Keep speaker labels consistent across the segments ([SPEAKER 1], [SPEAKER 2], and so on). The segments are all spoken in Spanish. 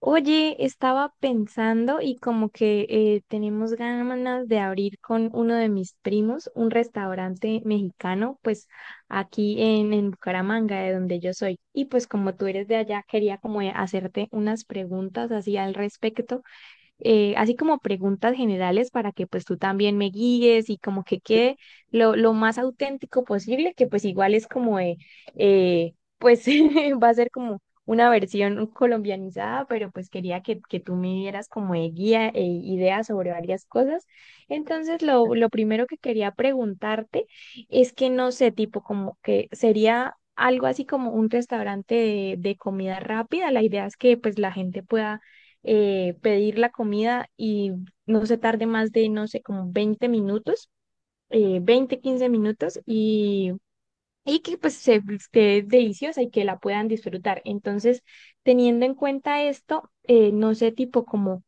[SPEAKER 1] Oye, estaba pensando y como que tenemos ganas de abrir con uno de mis primos un restaurante mexicano, pues aquí en Bucaramanga, de donde yo soy. Y pues como tú eres de allá, quería como hacerte unas preguntas así al respecto, así como preguntas generales para que pues tú también me guíes y como que quede lo más auténtico posible, que pues igual es pues va a ser como una versión colombianizada, pero pues quería que tú me dieras como de guía e ideas sobre varias cosas. Entonces, lo primero que quería preguntarte es que no sé, tipo como que sería algo así como un restaurante de comida rápida. La idea es que pues la gente pueda pedir la comida y no se tarde más de, no sé, como 20 minutos, 20, 15 minutos, y que pues se esté deliciosa y que la puedan disfrutar. Entonces, teniendo en cuenta esto, no sé, tipo como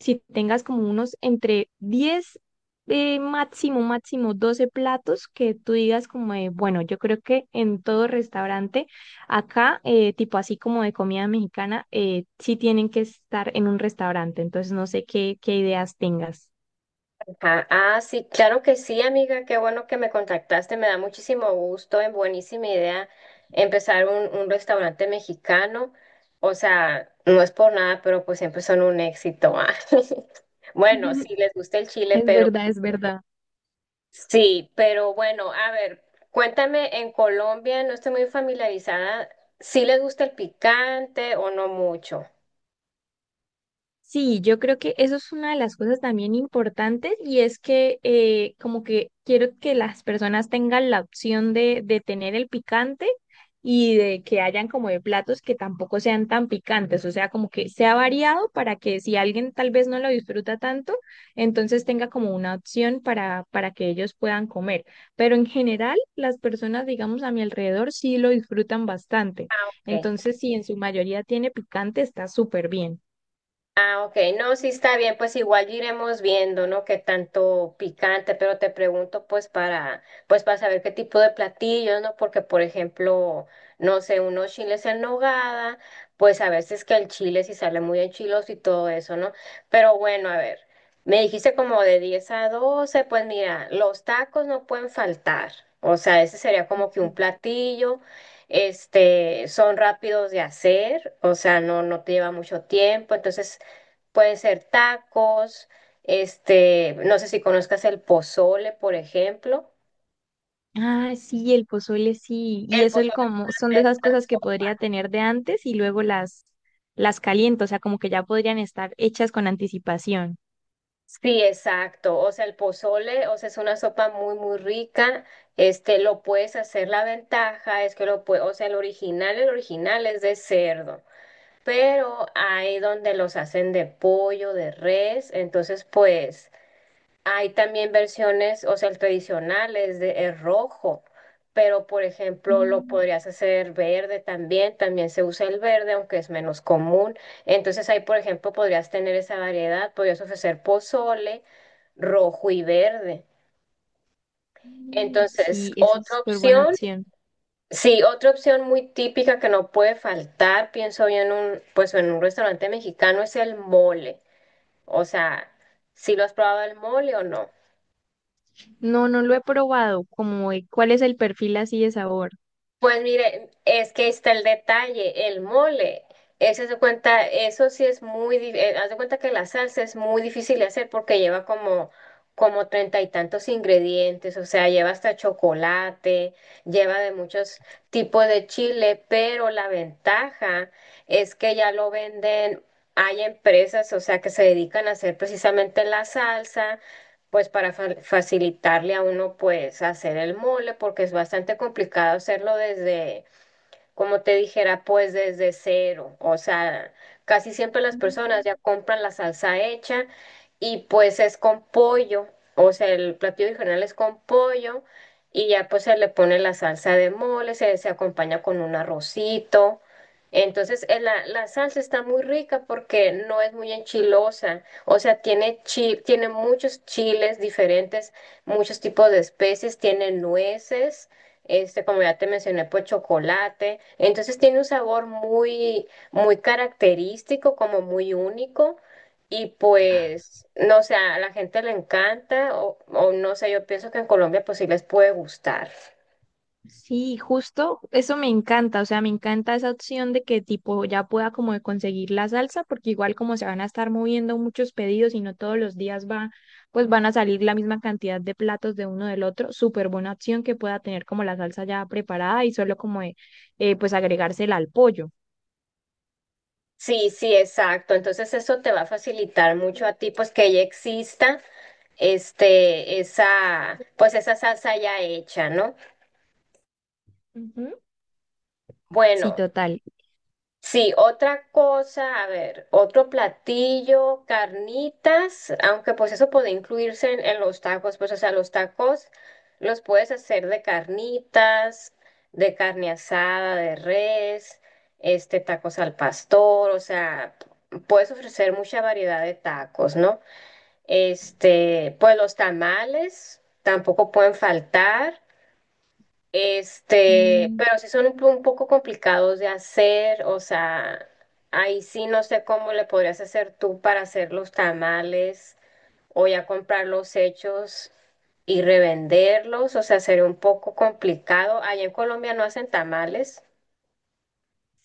[SPEAKER 1] si tengas como unos entre 10, máximo, máximo 12 platos que tú digas como de, bueno, yo creo que en todo restaurante acá, tipo así como de comida mexicana, sí tienen que estar en un restaurante. Entonces no sé qué ideas tengas.
[SPEAKER 2] Ah, sí, claro que sí, amiga, qué bueno que me contactaste, me da muchísimo gusto, es buenísima idea empezar un restaurante mexicano, o sea, no es por nada, pero pues siempre son un éxito. Ah. Bueno, sí, les gusta el chile,
[SPEAKER 1] Es
[SPEAKER 2] pero
[SPEAKER 1] verdad, es verdad.
[SPEAKER 2] sí, pero bueno, a ver, cuéntame, en Colombia no estoy muy familiarizada, ¿sí les gusta el picante o no mucho?
[SPEAKER 1] Sí, yo creo que eso es una de las cosas también importantes y es que como que quiero que las personas tengan la opción de tener el picante y de que hayan como de platos que tampoco sean tan picantes, o sea, como que sea variado para que si alguien tal vez no lo disfruta tanto, entonces tenga como una opción para que ellos puedan comer. Pero en general, las personas, digamos, a mi alrededor sí lo disfrutan bastante.
[SPEAKER 2] Ah, ok.
[SPEAKER 1] Entonces, si en su mayoría tiene picante, está súper bien.
[SPEAKER 2] Ah, ok, no, sí está bien, pues igual iremos viendo, ¿no? Qué tanto picante, pero te pregunto pues para saber qué tipo de platillos, ¿no? Porque por ejemplo, no sé, unos chiles en nogada, pues a veces que el chile sí sale muy enchiloso y todo eso, ¿no? Pero bueno, a ver, me dijiste como de 10 a 12. Pues mira, los tacos no pueden faltar, o sea, ese sería como que un platillo. Este, son rápidos de hacer, o sea, no te lleva mucho tiempo, entonces pueden ser tacos, este, no sé si conozcas el pozole, por ejemplo.
[SPEAKER 1] Ah, sí, el pozole sí. Y
[SPEAKER 2] El
[SPEAKER 1] eso el
[SPEAKER 2] pozole
[SPEAKER 1] como son de
[SPEAKER 2] es
[SPEAKER 1] esas
[SPEAKER 2] una
[SPEAKER 1] cosas que podría
[SPEAKER 2] sopa.
[SPEAKER 1] tener de antes y luego las caliento, o sea, como que ya podrían estar hechas con anticipación.
[SPEAKER 2] Sí, exacto. O sea, el pozole, o sea, es una sopa muy, muy rica. Este, lo puedes hacer, la ventaja es que lo puedes, o sea, el original es de cerdo, pero hay donde los hacen de pollo, de res, entonces, pues. Hay también versiones, o sea, el tradicional es de es rojo, pero por ejemplo lo
[SPEAKER 1] Mm,
[SPEAKER 2] podrías hacer verde también, también se usa el verde, aunque es menos común. Entonces ahí, por ejemplo, podrías tener esa variedad, podrías ofrecer pozole rojo y verde.
[SPEAKER 1] mm,
[SPEAKER 2] Entonces,
[SPEAKER 1] sí, esa es
[SPEAKER 2] otra
[SPEAKER 1] súper buena
[SPEAKER 2] opción,
[SPEAKER 1] opción.
[SPEAKER 2] sí, otra opción muy típica que no puede faltar, pienso yo en un, pues en un restaurante mexicano es el mole. O sea, ¿si lo has probado el mole o no?
[SPEAKER 1] No, no lo he probado, como de- cuál es el perfil así de sabor.
[SPEAKER 2] Pues mire, es que ahí está el detalle, el mole. Ese se cuenta, eso sí es haz de cuenta que la salsa es muy difícil de hacer porque lleva como 30 y tantos ingredientes, o sea, lleva hasta chocolate, lleva de muchos tipos de chile, pero la ventaja es que ya lo venden, hay empresas, o sea, que se dedican a hacer precisamente la salsa pues para facilitarle a uno pues hacer el mole, porque es bastante complicado hacerlo desde como te dijera, pues desde cero. O sea, casi siempre las
[SPEAKER 1] Mm.
[SPEAKER 2] personas ya compran la salsa hecha y pues es con pollo. O sea, el platillo original es con pollo y ya pues se le pone la salsa de mole, se acompaña con un arrocito. Entonces, la salsa está muy rica porque no es muy enchilosa. O sea, tiene muchos chiles diferentes, muchos tipos de especies, tiene nueces este, como ya te mencioné, pues chocolate. Entonces tiene un sabor muy, muy característico, como muy único. Y pues, no sé, a la gente le encanta o no sé, yo pienso que en Colombia pues sí les puede gustar.
[SPEAKER 1] Sí, justo, eso me encanta, o sea, me encanta esa opción de que tipo ya pueda como de conseguir la salsa, porque igual como se van a estar moviendo muchos pedidos y no todos los días va, pues van a salir la misma cantidad de platos de uno del otro, súper buena opción que pueda tener como la salsa ya preparada y solo como de, pues agregársela al pollo.
[SPEAKER 2] Sí, sí, exacto. Entonces eso te va a facilitar mucho a ti, pues que ya exista este, esa, pues esa salsa ya hecha, ¿no?
[SPEAKER 1] Ujú. Sí,
[SPEAKER 2] Bueno,
[SPEAKER 1] total.
[SPEAKER 2] sí, otra cosa, a ver, otro platillo, carnitas, aunque pues eso puede incluirse en los tacos, pues o sea, los tacos los puedes hacer de carnitas, de carne asada, de res, este, tacos al pastor, o sea, puedes ofrecer mucha variedad de tacos, ¿no? Este, pues los tamales tampoco pueden faltar. Este,
[SPEAKER 1] Mm,
[SPEAKER 2] pero sí son un poco complicados de hacer, o sea, ahí sí no sé cómo le podrías hacer tú para hacer los tamales o ya comprar los hechos y revenderlos, o sea, sería un poco complicado. Allá en Colombia no hacen tamales.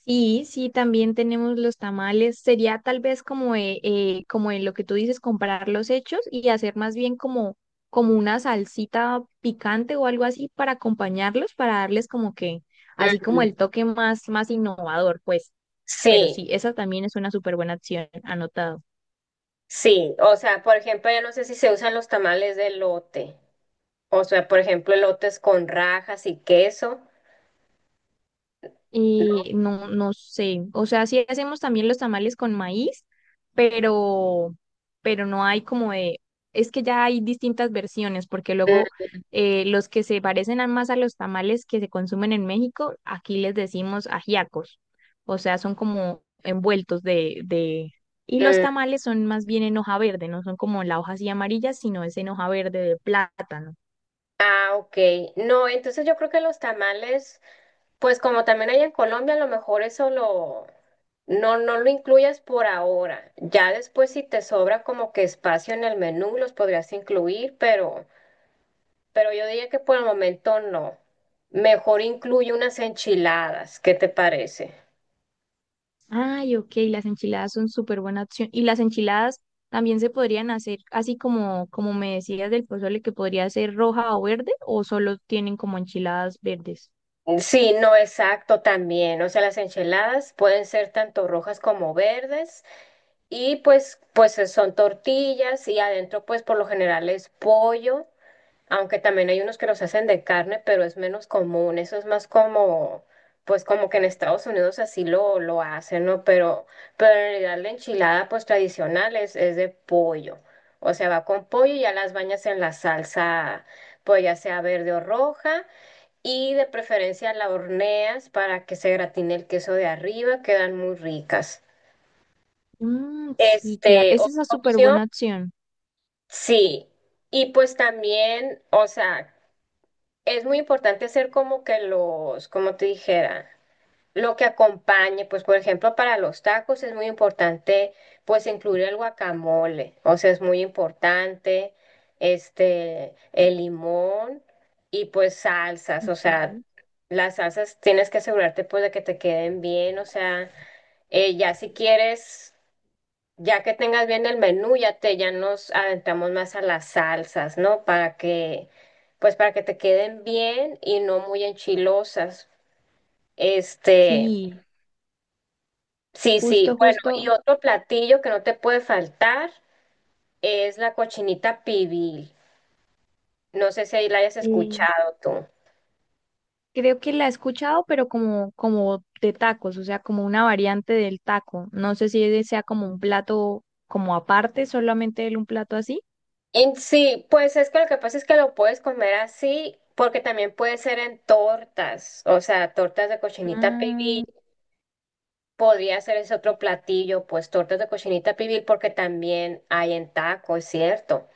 [SPEAKER 1] sí, sí, también tenemos los tamales. Sería tal vez como, como en lo que tú dices, comparar los hechos y hacer más bien como, como una salsita picante o algo así para acompañarlos, para darles como que, así como
[SPEAKER 2] Ujú.
[SPEAKER 1] el toque más, más innovador, pues. Pero
[SPEAKER 2] Sí,
[SPEAKER 1] sí, esa también es una súper buena opción, anotado.
[SPEAKER 2] sí, o sea, por ejemplo, ya no sé si se usan los tamales de lote, o sea, por ejemplo, elotes con rajas y queso.
[SPEAKER 1] Y no, no sé, o sea, sí hacemos también los tamales con maíz, pero, pero no hay como de, es que ya hay distintas versiones, porque luego
[SPEAKER 2] Mm,
[SPEAKER 1] los que se parecen a- más a los tamales que se consumen en México, aquí les decimos ajiacos, o sea, son como envueltos y los
[SPEAKER 2] mm,
[SPEAKER 1] tamales son más bien en hoja verde, no son como la hoja así amarilla, sino es en hoja verde de plátano.
[SPEAKER 2] ah, ok. No, entonces yo creo que los tamales, pues como también hay en Colombia, a lo mejor eso no lo incluyas por ahora. Ya después si te sobra como que espacio en el menú, los podrías incluir, pero yo diría que por el momento no. Mejor incluye unas enchiladas, ¿qué te parece?
[SPEAKER 1] Ay, ok, las enchiladas son súper buena opción. Y las enchiladas también se podrían hacer así como, como me decías del pozole, que podría ser roja o verde, o solo tienen como enchiladas verdes.
[SPEAKER 2] Sí, no, exacto, también. O sea, las enchiladas pueden ser tanto rojas como verdes. Y pues, pues son tortillas y adentro pues por lo general es pollo, aunque también hay unos que los hacen de carne, pero es menos común, eso es más como, pues como que en Estados Unidos así lo hacen, ¿no? Pero en realidad la enchilada pues tradicional es de pollo, o sea, va con pollo y ya las bañas en la salsa, pues ya sea verde o roja, y de preferencia la horneas para que se gratine el queso de arriba, quedan muy ricas.
[SPEAKER 1] Mm, sí, claro,
[SPEAKER 2] Este,
[SPEAKER 1] esa es una
[SPEAKER 2] otra
[SPEAKER 1] súper
[SPEAKER 2] opción
[SPEAKER 1] buena opción.
[SPEAKER 2] sí, y pues también, o sea, es muy importante hacer como que los, como te dijera, lo que acompañe, pues por ejemplo para los tacos es muy importante pues incluir el guacamole, o sea, es muy importante este, el limón y pues salsas, o
[SPEAKER 1] Ok.
[SPEAKER 2] sea, las salsas tienes que asegurarte pues de que te queden bien, o sea, ya si quieres... Ya que tengas bien el menú, ya nos adentramos más a las salsas, ¿no? Para que, pues para que te queden bien y no muy enchilosas. Este,
[SPEAKER 1] Sí,
[SPEAKER 2] sí, sí.
[SPEAKER 1] justo,
[SPEAKER 2] Bueno,
[SPEAKER 1] justo.
[SPEAKER 2] y otro platillo que no te puede faltar es la cochinita pibil. No sé si ahí la hayas
[SPEAKER 1] Eh,
[SPEAKER 2] escuchado tú.
[SPEAKER 1] creo que la he escuchado, pero como, como de tacos, o sea, como una variante del taco. No sé si ese sea como un plato como aparte, solamente el- un plato así.
[SPEAKER 2] En sí, pues es que lo que pasa es que lo puedes comer así, porque también puede ser en tortas, o sea, tortas de cochinita pibil.
[SPEAKER 1] Ah.
[SPEAKER 2] Podría ser ese otro platillo, pues tortas de cochinita pibil, porque también hay en taco, es cierto.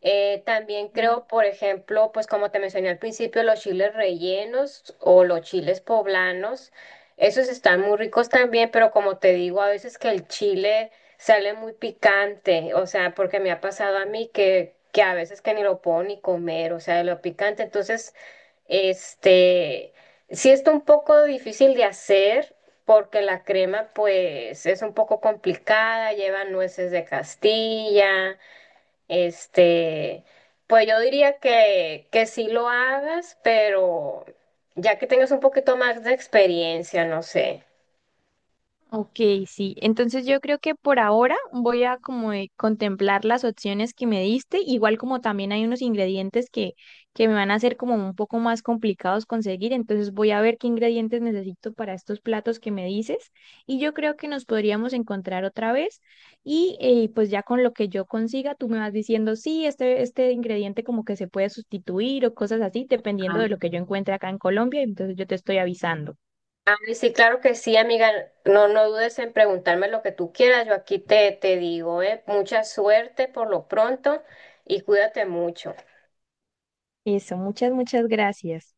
[SPEAKER 2] También
[SPEAKER 1] Mm.
[SPEAKER 2] creo, por ejemplo, pues como te mencioné al principio, los chiles rellenos o los chiles poblanos, esos están muy ricos también, pero como te digo, a veces que el chile sale muy picante, o sea, porque me ha pasado a mí que a veces que ni lo puedo ni comer, o sea, de lo picante, entonces, este, sí está un poco difícil de hacer. Porque la crema, pues, es un poco complicada, lleva nueces de Castilla, este, pues yo diría que sí lo hagas, pero ya que tengas un poquito más de experiencia, no sé.
[SPEAKER 1] Ok, sí. Entonces yo creo que por ahora voy a como contemplar las opciones que me diste, igual como también hay unos ingredientes que me van a hacer como un poco más complicados conseguir, entonces voy a ver qué ingredientes necesito para estos platos que me dices y yo creo que nos podríamos encontrar otra vez y pues ya con lo que yo consiga tú me vas diciendo, sí, este ingrediente como que se puede sustituir o cosas así, dependiendo
[SPEAKER 2] Ah,
[SPEAKER 1] de lo que yo encuentre acá en Colombia, entonces yo te estoy avisando.
[SPEAKER 2] ay, sí, claro que sí, amiga. No, no dudes en preguntarme lo que tú quieras. Yo aquí te digo, mucha suerte por lo pronto y cuídate mucho.
[SPEAKER 1] Eso, muchas, muchas gracias.